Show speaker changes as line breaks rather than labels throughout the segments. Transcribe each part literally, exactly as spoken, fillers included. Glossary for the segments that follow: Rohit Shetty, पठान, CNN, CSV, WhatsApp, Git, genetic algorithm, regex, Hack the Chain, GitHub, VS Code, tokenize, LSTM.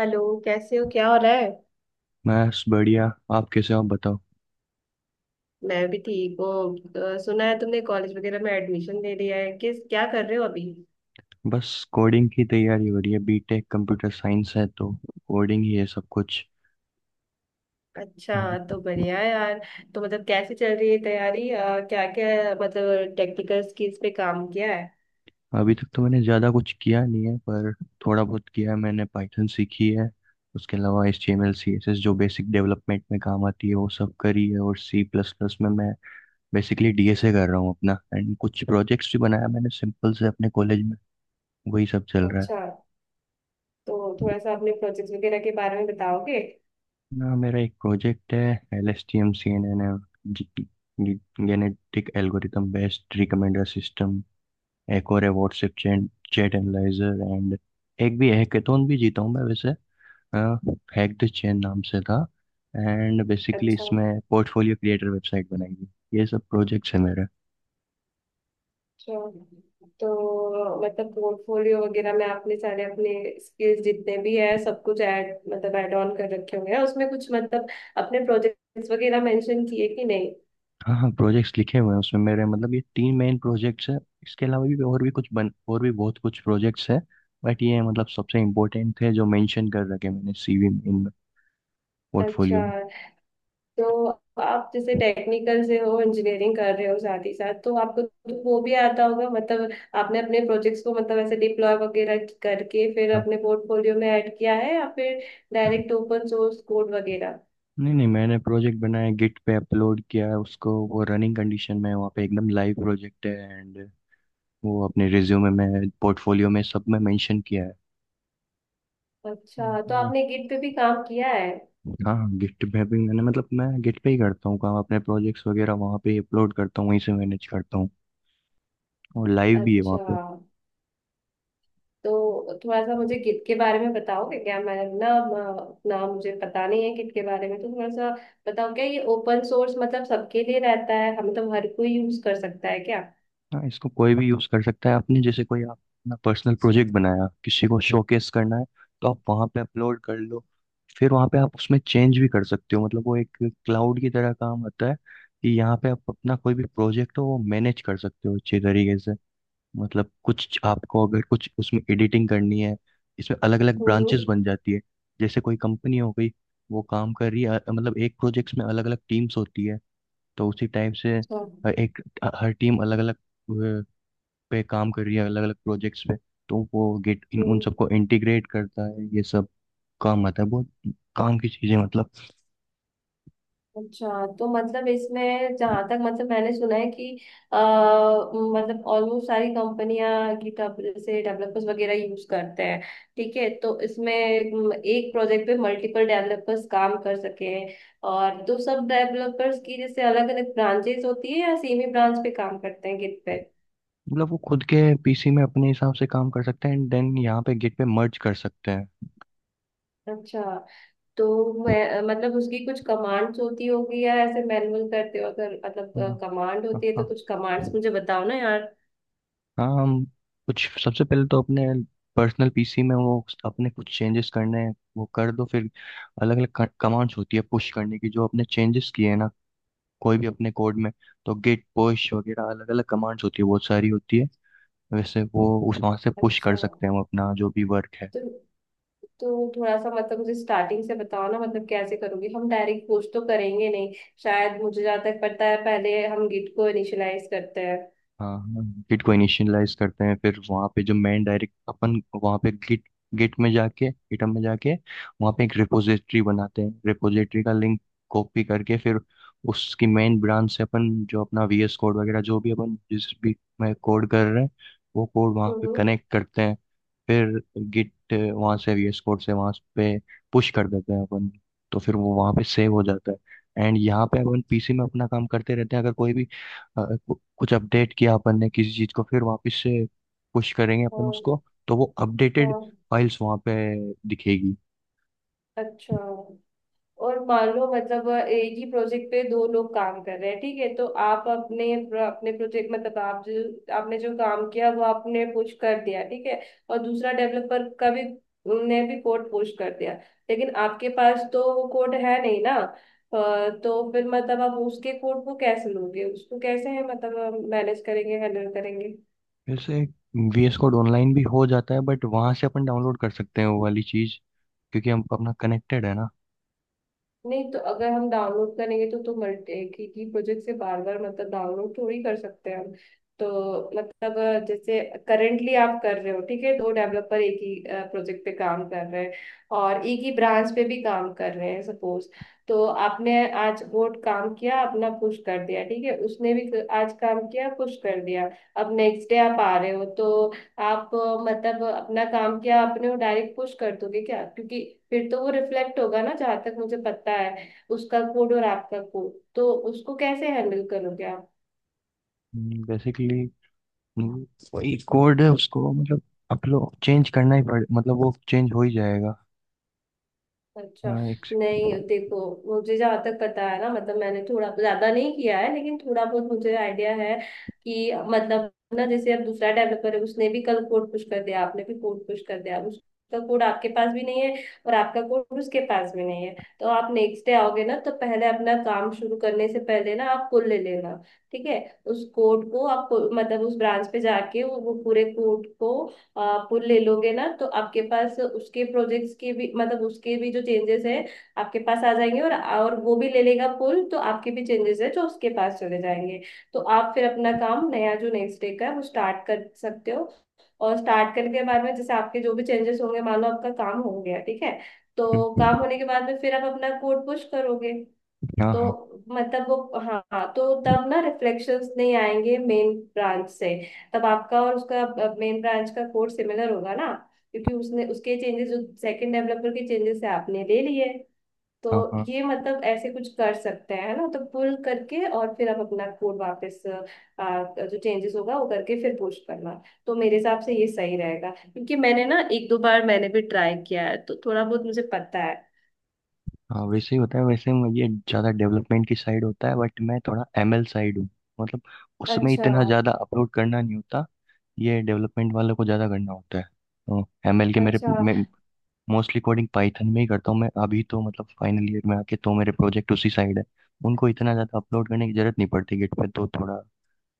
Hello, कैसे हो? क्या हो रहा है?
बस बढ़िया। आप कैसे हो? आप बताओ।
मैं भी ठीक हूँ। अ, सुना है तुमने कॉलेज वगैरह में एडमिशन ले लिया है। किस क्या कर रहे हो अभी?
बस कोडिंग की तैयारी हो रही है, बीटेक कंप्यूटर साइंस है तो कोडिंग ही है सब कुछ
अच्छा,
अभी।
तो बढ़िया है यार। तो मतलब कैसे चल रही है तैयारी? क्या क्या मतलब टेक्निकल स्किल्स पे काम किया है?
अभी तक तो मैंने ज़्यादा कुछ किया नहीं है, पर थोड़ा बहुत किया है। मैंने पाइथन सीखी है। उसके अलावा H T M L C S S जो बेसिक डेवलपमेंट में काम आती है वो सब करी है, और सी प्लस प्लस में मैं बेसिकली डी एस ए कर रहा हूँ अपना। एंड कुछ प्रोजेक्ट्स भी बनाया मैंने सिंपल से अपने कॉलेज में, वही सब चल रहा है।
अच्छा, तो थोड़ा सा अपने प्रोजेक्ट्स वगैरह के बारे में बताओगे?
ना मेरा एक प्रोजेक्ट है L S T M C N N M, genetic algorithm based recommender system. एक और है WhatsApp chat chat analyser. And एक भी हैकेथॉन भी जीता हूँ मैं वैसे, हैक द चैन नाम से था। एंड बेसिकली
अच्छा।
इसमें पोर्टफोलियो क्रिएटर वेबसाइट बनाएगी। ये सब प्रोजेक्ट्स हैं मेरे।
अच्छा, तो मतलब पोर्टफोलियो वगैरह में आपने सारे अपने स्किल्स जितने भी है सब कुछ ऐड मतलब ऐड ऑन कर रखे होंगे ना? उसमें कुछ मतलब अपने प्रोजेक्ट्स वगैरह मेंशन किए कि नहीं?
हाँ हाँ, प्रोजेक्ट्स लिखे हुए हैं उसमें मेरे, मतलब ये तीन मेन प्रोजेक्ट्स हैं। इसके अलावा भी और भी कुछ बन और भी बहुत कुछ प्रोजेक्ट्स हैं, बट ये मतलब सबसे इम्पोर्टेंट थे जो मेंशन कर रखे मैंने सीवी में, इन
अच्छा।
पोर्टफोलियो में।
तो आप जैसे टेक्निकल से हो, इंजीनियरिंग कर रहे हो, साथ ही साथ तो आपको तो वो भी आता होगा मतलब आपने अपने प्रोजेक्ट्स को मतलब ऐसे डिप्लॉय वगैरह करके फिर
हाँ।
अपने पोर्टफोलियो में ऐड किया है या फिर डायरेक्ट ओपन सोर्स कोड वगैरह?
नहीं नहीं, मैंने प्रोजेक्ट बनाया गिट पे अपलोड किया है उसको, वो रनिंग कंडीशन में है, वहाँ पे एकदम लाइव प्रोजेक्ट है। एंड वो अपने रिज्यूमे में, पोर्टफोलियो में सब में मेंशन किया है। और,
अच्छा, तो
और
आपने गिट पे भी काम किया है?
हाँ हाँ, गिट पे भी मैंने, मतलब मैं गिट पे ही करता हूँ काम। अपने प्रोजेक्ट्स वगैरह वहाँ पे ही अपलोड करता हूँ, वहीं से मैनेज करता हूँ, और लाइव भी है वहाँ
अच्छा,
पे।
तो थोड़ा सा मुझे गिद्ध के बारे में बताओगे क्या? मैं ना म- ना मुझे पता नहीं है गिद्ध के बारे में, तो थोड़ा सा बताओ। क्या ये ओपन सोर्स मतलब सबके लिए रहता है? हम मतलब हर कोई यूज कर सकता है क्या?
हाँ, इसको कोई भी यूज कर सकता है। आपने जैसे कोई, आप अपना पर्सनल प्रोजेक्ट बनाया किसी को शोकेस करना है तो आप वहां पे अपलोड कर लो। फिर वहां पे आप उसमें चेंज भी कर सकते हो, मतलब वो एक क्लाउड की तरह काम होता है कि यहाँ पे आप अपना कोई भी प्रोजेक्ट हो वो मैनेज कर सकते हो अच्छे तरीके से। मतलब कुछ आपको अगर कुछ उसमें एडिटिंग करनी है, इसमें अलग अलग
हम्म,
ब्रांचेस
हम्म।
बन जाती है। जैसे कोई कंपनी हो गई, वो काम कर रही है, अ- मतलब एक प्रोजेक्ट्स में अलग अलग टीम्स होती है, तो उसी टाइप से
अच्छा।
हर एक, हर टीम अलग अलग पे काम कर रही है अलग अलग प्रोजेक्ट्स पे, तो वो गेट इन उन
हम्म।
सबको इंटीग्रेट करता है ये सब। काम आता है बहुत, काम की चीजें मतलब।
अच्छा, तो मतलब इसमें जहां तक मतलब मैंने सुना है कि अ, मतलब ऑलमोस्ट सारी कंपनियां गिटहब से डेवलपर्स वगैरह यूज करते हैं। ठीक है, तो इसमें म, एक प्रोजेक्ट पे मल्टीपल डेवलपर्स काम कर सके, और तो सब डेवलपर्स की जैसे अलग अलग ब्रांचेस होती है या सेम ही ब्रांच पे काम करते हैं गिट पे?
मतलब वो खुद के पीसी में अपने हिसाब से काम कर सकते हैं, एंड देन यहाँ पे गिट पे मर्ज कर सकते हैं।
अच्छा, तो मैं मतलब उसकी कुछ कमांड्स होती होगी या ऐसे मैनुअल करते हो? अगर मतलब
हाँ
कमांड
हाँ।
होती है तो
हाँ
कुछ कमांड्स मुझे बताओ ना यार।
हाँ, हम। कुछ सबसे पहले तो अपने पर्सनल पीसी में वो अपने कुछ चेंजेस करने हैं वो कर दो, फिर अलग अलग कमांड्स होती है पुश करने की, जो अपने चेंजेस किए हैं ना कोई भी अपने कोड में। तो गिट पुश वगैरह अलग अलग कमांड्स होती है, बहुत सारी होती है वैसे। वो उस वहाँ से पुश
अच्छा,
कर सकते हैं हम अपना जो भी वर्क है।
तो तो थोड़ा सा मतलब मुझे स्टार्टिंग से बताओ ना, मतलब कैसे करोगे? हम डायरेक्ट पोस्ट तो करेंगे नहीं, शायद। मुझे जहाँ तक पता है पहले हम गिट को इनिशियलाइज करते हैं।
हाँ हाँ, गिट को इनिशियलाइज करते हैं, फिर वहाँ पे जो मेन डायरेक्ट अपन वहाँ पे गिट गिट में जाके, गिटहब में जाके वहाँ पे एक रिपोजिटरी बनाते हैं, रिपोजिटरी का लिंक कॉपी करके, फिर उसकी मेन ब्रांच से अपन जो अपना वीएस कोड वगैरह जो भी अपन जिस भी में कोड कर रहे हैं वो कोड वहाँ पे
हम्म।
कनेक्ट करते हैं। फिर गिट वहाँ से वीएस कोड से वहाँ पे पुश कर देते हैं अपन, तो फिर वो वहाँ पे सेव हो जाता है। एंड यहाँ पे अपन पीसी में अपना काम करते रहते हैं, अगर कोई भी अ, कु- कुछ अपडेट किया अपन ने किसी चीज को, फिर वापस से पुश करेंगे अपन उसको,
हाँ,
तो वो अपडेटेड
हाँ।
फाइल्स वहाँ पे दिखेगी।
अच्छा, और मान लो मतलब एक ही प्रोजेक्ट पे दो लोग काम कर रहे हैं, ठीक है, तो आप अपने अपने प्रोजेक्ट मतलब आप जो आपने जो काम किया वो आपने पुश कर दिया, ठीक है, और दूसरा डेवलपर का भी ने भी कोड पुश कर दिया, लेकिन आपके पास तो वो कोड है नहीं ना। अ, तो फिर मतलब आप उसके कोड को कैसे लोगे? उसको कैसे है मतलब मैनेज करेंगे, हैंडल करेंगे?
वैसे V S कोड ऑनलाइन भी हो जाता है, बट वहाँ से अपन डाउनलोड कर सकते हैं वो वाली चीज क्योंकि हम अपना कनेक्टेड है ना।
नहीं, तो अगर हम डाउनलोड करेंगे तो तो मल्टी एक ही, ही प्रोजेक्ट से बार बार मतलब डाउनलोड थोड़ी कर सकते हैं हम। तो मतलब अ, जैसे करंटली आप कर रहे हो, ठीक है, दो डेवलपर एक ही प्रोजेक्ट पे काम कर रहे हैं और एक ही ब्रांच पे भी काम कर रहे हैं सपोज, तो आपने आज कोड काम किया, अपना पुश कर दिया, ठीक है, उसने भी क- आज काम किया पुश कर दिया। अब नेक्स्ट डे आप आ रहे हो, तो आप अ, मतलब अपना काम क्या अपने को डायरेक्ट पुश कर दोगे क्या? क्योंकि फिर तो वो रिफ्लेक्ट होगा ना, जहां तक मुझे पता है। उसका कोड और आपका कोड, तो उसको कैसे हैंडल करोगे आप?
बेसिकली वही कोड है उसको, मतलब अपलोड चेंज करना ही पड़े, मतलब वो चेंज हो ही जाएगा।
अच्छा।
हाँ, एक
नहीं
सेकंड।
देखो, मुझे जहाँ तक पता है ना, मतलब मैंने थोड़ा ज्यादा नहीं किया है लेकिन थोड़ा बहुत मुझे आइडिया है कि मतलब ना जैसे अब दूसरा डेवलपर है उसने भी कल कोड पुश कर दिया, आपने भी कोड पुश कर दिया, अब उसका कोड आपके पास भी नहीं है और आपका कोड उसके पास भी नहीं है, तो आप नेक्स्ट डे आओगे ना तो पहले अपना काम शुरू करने से पहले ना आप कोड ले लेना। ठीक है, उस कोड को आप मतलब उस ब्रांच पे जाके वो वो पूरे कोड को आप ले लोगे ना, तो आपके पास उसके प्रोजेक्ट्स के भी मतलब उसके भी जो चेंजेस है आपके पास आ जाएंगे, और और वो भी ले लेगा पुल तो आपके भी चेंजेस है जो उसके पास चले जाएंगे। तो आप फिर अपना काम नया जो नेक्स्ट डे का है वो स्टार्ट कर सकते हो, और स्टार्ट करने के बाद में जैसे आपके जो भी चेंजेस होंगे मान लो आपका काम हो गया, ठीक है, तो
हम्म,
काम होने के बाद में फिर आप अपना कोड पुश करोगे।
हाँ
तो
हाँ।
मतलब वो, हाँ, तो तब ना रिफ्लेक्शंस नहीं आएंगे मेन ब्रांच से। तब आपका और उसका मेन ब्रांच का कोड सिमिलर होगा ना, क्योंकि उसने उसके चेंजेस जो सेकंड डेवलपर के चेंजेस है आपने ले लिए। तो
हाँ हाँ।
ये मतलब ऐसे कुछ कर सकते हैं, है ना, तो पुल करके और फिर आप अपना कोड वापस आ, जो चेंजेस होगा वो करके फिर पुश करना। तो मेरे हिसाब से ये सही रहेगा, क्योंकि मैंने ना एक दो बार मैंने भी ट्राई किया है, तो थोड़ा बहुत मुझे पता है।
हाँ, वैसे ही होता है। वैसे मैं, ये ज़्यादा डेवलपमेंट की साइड होता है बट मैं थोड़ा एमएल साइड हूँ, मतलब उसमें
अच्छा।
इतना ज़्यादा अपलोड करना नहीं होता। ये डेवलपमेंट वालों को ज़्यादा करना होता है, तो एमएल के मेरे,
अच्छा।
मैं मोस्टली कोडिंग पाइथन में ही करता हूँ। मैं अभी तो मतलब फाइनल ईयर में आके तो मेरे प्रोजेक्ट उसी साइड है, उनको इतना ज़्यादा अपलोड करने की ज़रूरत नहीं पड़ती गिट पे, तो थोड़ा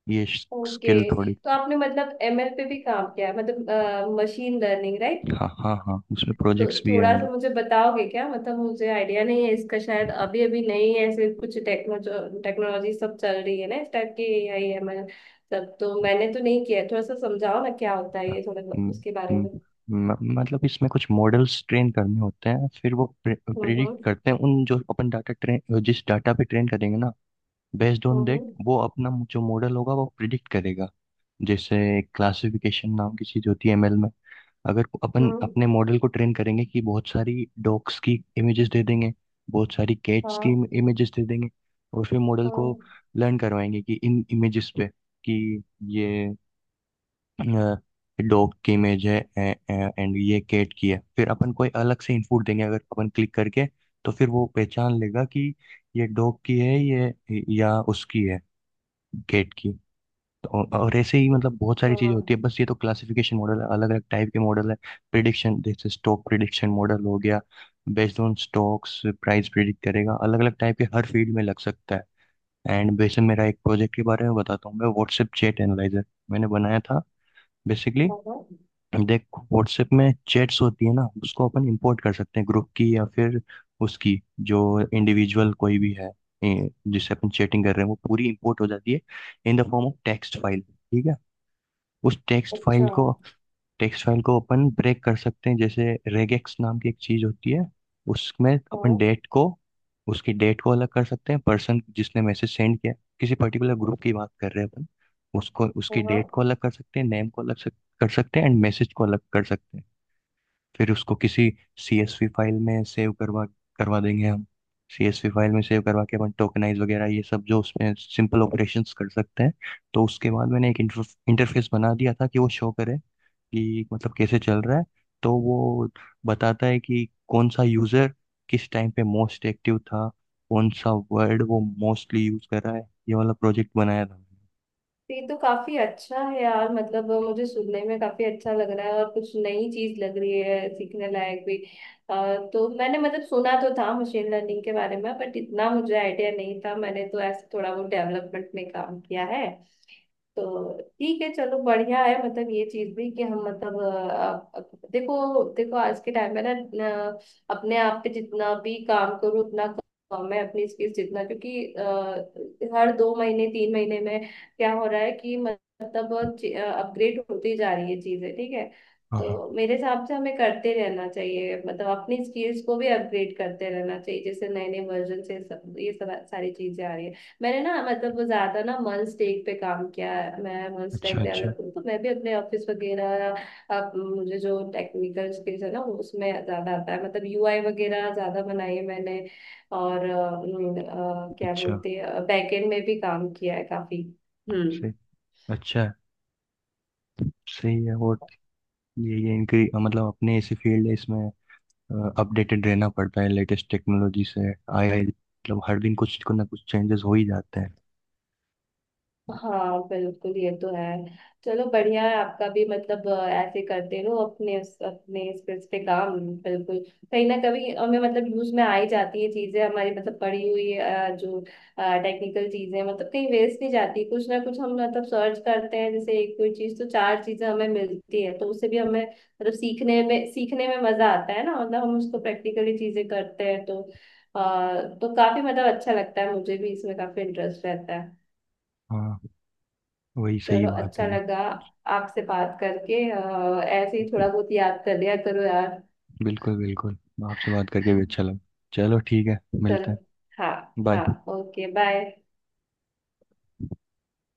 ये
ओके,
स्किल थोड़ी।
तो आपने मतलब एम एल पे भी काम किया है, मतलब मशीन लर्निंग राइट?
हाँ हाँ हाँ, उसमें
तो
प्रोजेक्ट्स भी है
थोड़ा सा
मतलब।
मुझे बताओगे क्या? मतलब मुझे आइडिया नहीं है इसका, शायद अभी अभी नई ऐसे कुछ टेक्नोलॉजी टेक्नोलॉजी सब चल रही है ना इस टाइप की, ए आई एम एल सब तो मैंने तो नहीं किया है। थोड़ा सा समझाओ ना क्या होता है ये, थोड़ा बहुत
म-
उसके बारे
म-
में।
म- मतलब इसमें कुछ मॉडल्स ट्रेन करने होते हैं, फिर वो
हम्म,
प्रिडिक्ट
हम्म।
करते हैं, उन जो अपन डाटा ट्रेन जिस डाटा पे ट्रेन करेंगे ना, बेस्ड ऑन दैट
हम्म,
वो अपना जो मॉडल होगा वो प्रिडिक्ट करेगा। जैसे क्लासिफिकेशन नाम की चीज होती है एमएल में, अगर अपन
हम्म,
अपने मॉडल को ट्रेन करेंगे कि बहुत सारी डॉग्स की इमेजेस दे देंगे, बहुत सारी कैट्स की
हाँ,
इमेजेस दे देंगे, और फिर मॉडल को
हाँ,
लर्न करवाएंगे कि इन इमेजेस पे कि ये डॉग की इमेज है एंड ये कैट की है। फिर अपन कोई अलग से इनपुट देंगे अगर अपन क्लिक करके तो फिर वो पहचान लेगा कि ये डॉग की है, ये या उसकी है, कैट की। तो और ऐसे ही मतलब बहुत सारी चीजें
हाँ,
होती है, बस ये तो क्लासिफिकेशन मॉडल है, अलग अलग टाइप के मॉडल है। प्रिडिक्शन, जैसे स्टॉक प्रिडिक्शन मॉडल हो गया, based on stocks price predict करेगा, अलग अलग टाइप के हर फील्ड में लग सकता है। एंड वैसे मेरा एक प्रोजेक्ट के बारे में बताता हूँ मैं, व्हाट्सएप चैट एनालाइजर मैंने बनाया था। बेसिकली
हाँ,
देख, व्हाट्सएप में चैट्स होती है ना, उसको अपन इंपोर्ट कर सकते हैं, ग्रुप की या फिर उसकी जो इंडिविजुअल कोई भी है ए, जिससे अपन चैटिंग कर रहे हैं, वो पूरी इंपोर्ट हो जाती है in the form of text file, ठीक है। उस टेक्स्ट
अच्छा,
फाइल को टेक्स्ट फाइल को अपन ब्रेक कर सकते हैं। जैसे रेगेक्स नाम की एक चीज होती है, उसमें अपन
हाँ,
डेट को, उसकी डेट को अलग कर सकते हैं, पर्सन जिसने मैसेज सेंड किया, किसी पर्टिकुलर ग्रुप की बात कर रहे हैं अपन, उसको उसकी डेट
हाँ।
को अलग कर सकते हैं, नेम को अलग सक, कर सकते हैं, एंड मैसेज को अलग कर सकते हैं। फिर उसको किसी सीएसवी फाइल में सेव करवा करवा देंगे हम। सीएसवी फाइल में सेव करवा के अपन टोकनाइज वगैरह ये सब जो उसमें सिंपल ऑपरेशंस कर सकते हैं। तो उसके बाद मैंने एक इंटरफेस बना दिया था कि वो शो करे कि मतलब कैसे चल रहा है, तो वो बताता है कि कौन सा यूजर किस टाइम पे मोस्ट एक्टिव था, कौन सा वर्ड वो मोस्टली यूज कर रहा है। ये वाला प्रोजेक्ट बनाया था मैंने।
ये तो काफी अच्छा है यार, मतलब मुझे सुनने में काफी अच्छा लग रहा है और कुछ नई चीज लग रही है सीखने लायक भी। अ, तो मैंने मतलब सुना तो था मशीन लर्निंग के बारे में, बट इतना मुझे आइडिया नहीं था। मैंने तो ऐसे थोड़ा बहुत डेवलपमेंट में काम किया है तो। ठीक है, चलो बढ़िया है, मतलब ये चीज भी कि हम मतलब अ, अ, देखो देखो आज के टाइम में ना, अ, अपने आप पे जितना भी काम करो उतना कम है अपनी स्किल्स जितना, क्योंकि अ, हर दो महीने तीन महीने में क्या हो रहा है कि मतलब अपग्रेड होती जा रही है चीजें, ठीक है।
हाँ हाँ।
तो मेरे हिसाब से हमें करते रहना चाहिए, मतलब अपनी स्किल्स को भी अपग्रेड करते रहना चाहिए, जैसे नए नए वर्जन से सब ये सब सारी चीजें आ रही है। मैंने ना मतलब वो ज्यादा ना मंच टेक पे काम किया है, मैं मंच
अच्छा
टेक
अच्छा।
डेवलपर हूँ, तो मैं भी अपने ऑफिस वगैरह अब मुझे जो टेक्निकल स्किल्स है ना वो उसमें ज्यादा आता है, मतलब यू आई वगैरह ज्यादा बनाई है मैंने, और अ, अ, क्या
अच्छा
बोलते हैं बैकएंड में भी काम किया है काफी। हम्म।
से अच्छा है, सही है। और ये ये इनकी मतलब अपने ऐसे फील्ड है, इसमें अपडेटेड रहना पड़ता है लेटेस्ट टेक्नोलॉजी से, आए आए मतलब हर दिन कुछ को ना कुछ चेंजेस हो ही जाते हैं।
हाँ, बिल्कुल, ये तो है। चलो बढ़िया है आपका भी, मतलब अ, ऐसे करते रहो अपने उस- अपने इस पे इस पे काम, बिल्कुल। कहीं ना कभी हमें मतलब यूज में आ ही जाती है चीजें हमारी, मतलब पड़ी हुई अ, जो टेक्निकल चीजें, मतलब कहीं वेस्ट नहीं जाती। कुछ ना कुछ हम मतलब सर्च करते हैं जैसे एक कोई चीज तो चार चीजें हमें मिलती है, तो उससे भी हमें मतलब सीखने में सीखने में मजा आता है ना, मतलब हम उसको प्रैक्टिकली चीजें करते हैं तो अ, तो काफी मतलब अच्छा लगता है, मुझे भी इसमें काफी इंटरेस्ट रहता है।
हाँ वही सही
चलो,
बात है
अच्छा
एकदम।
लगा आपसे बात करके। अ, ऐसे ही थोड़ा बहुत याद कर लिया करो यार।
बिल्कुल बिल्कुल। आपसे बात करके भी अच्छा लगा। चलो ठीक है, मिलते
चलो।
हैं।
हाँ,
बाय।
हाँ ओके, बाय।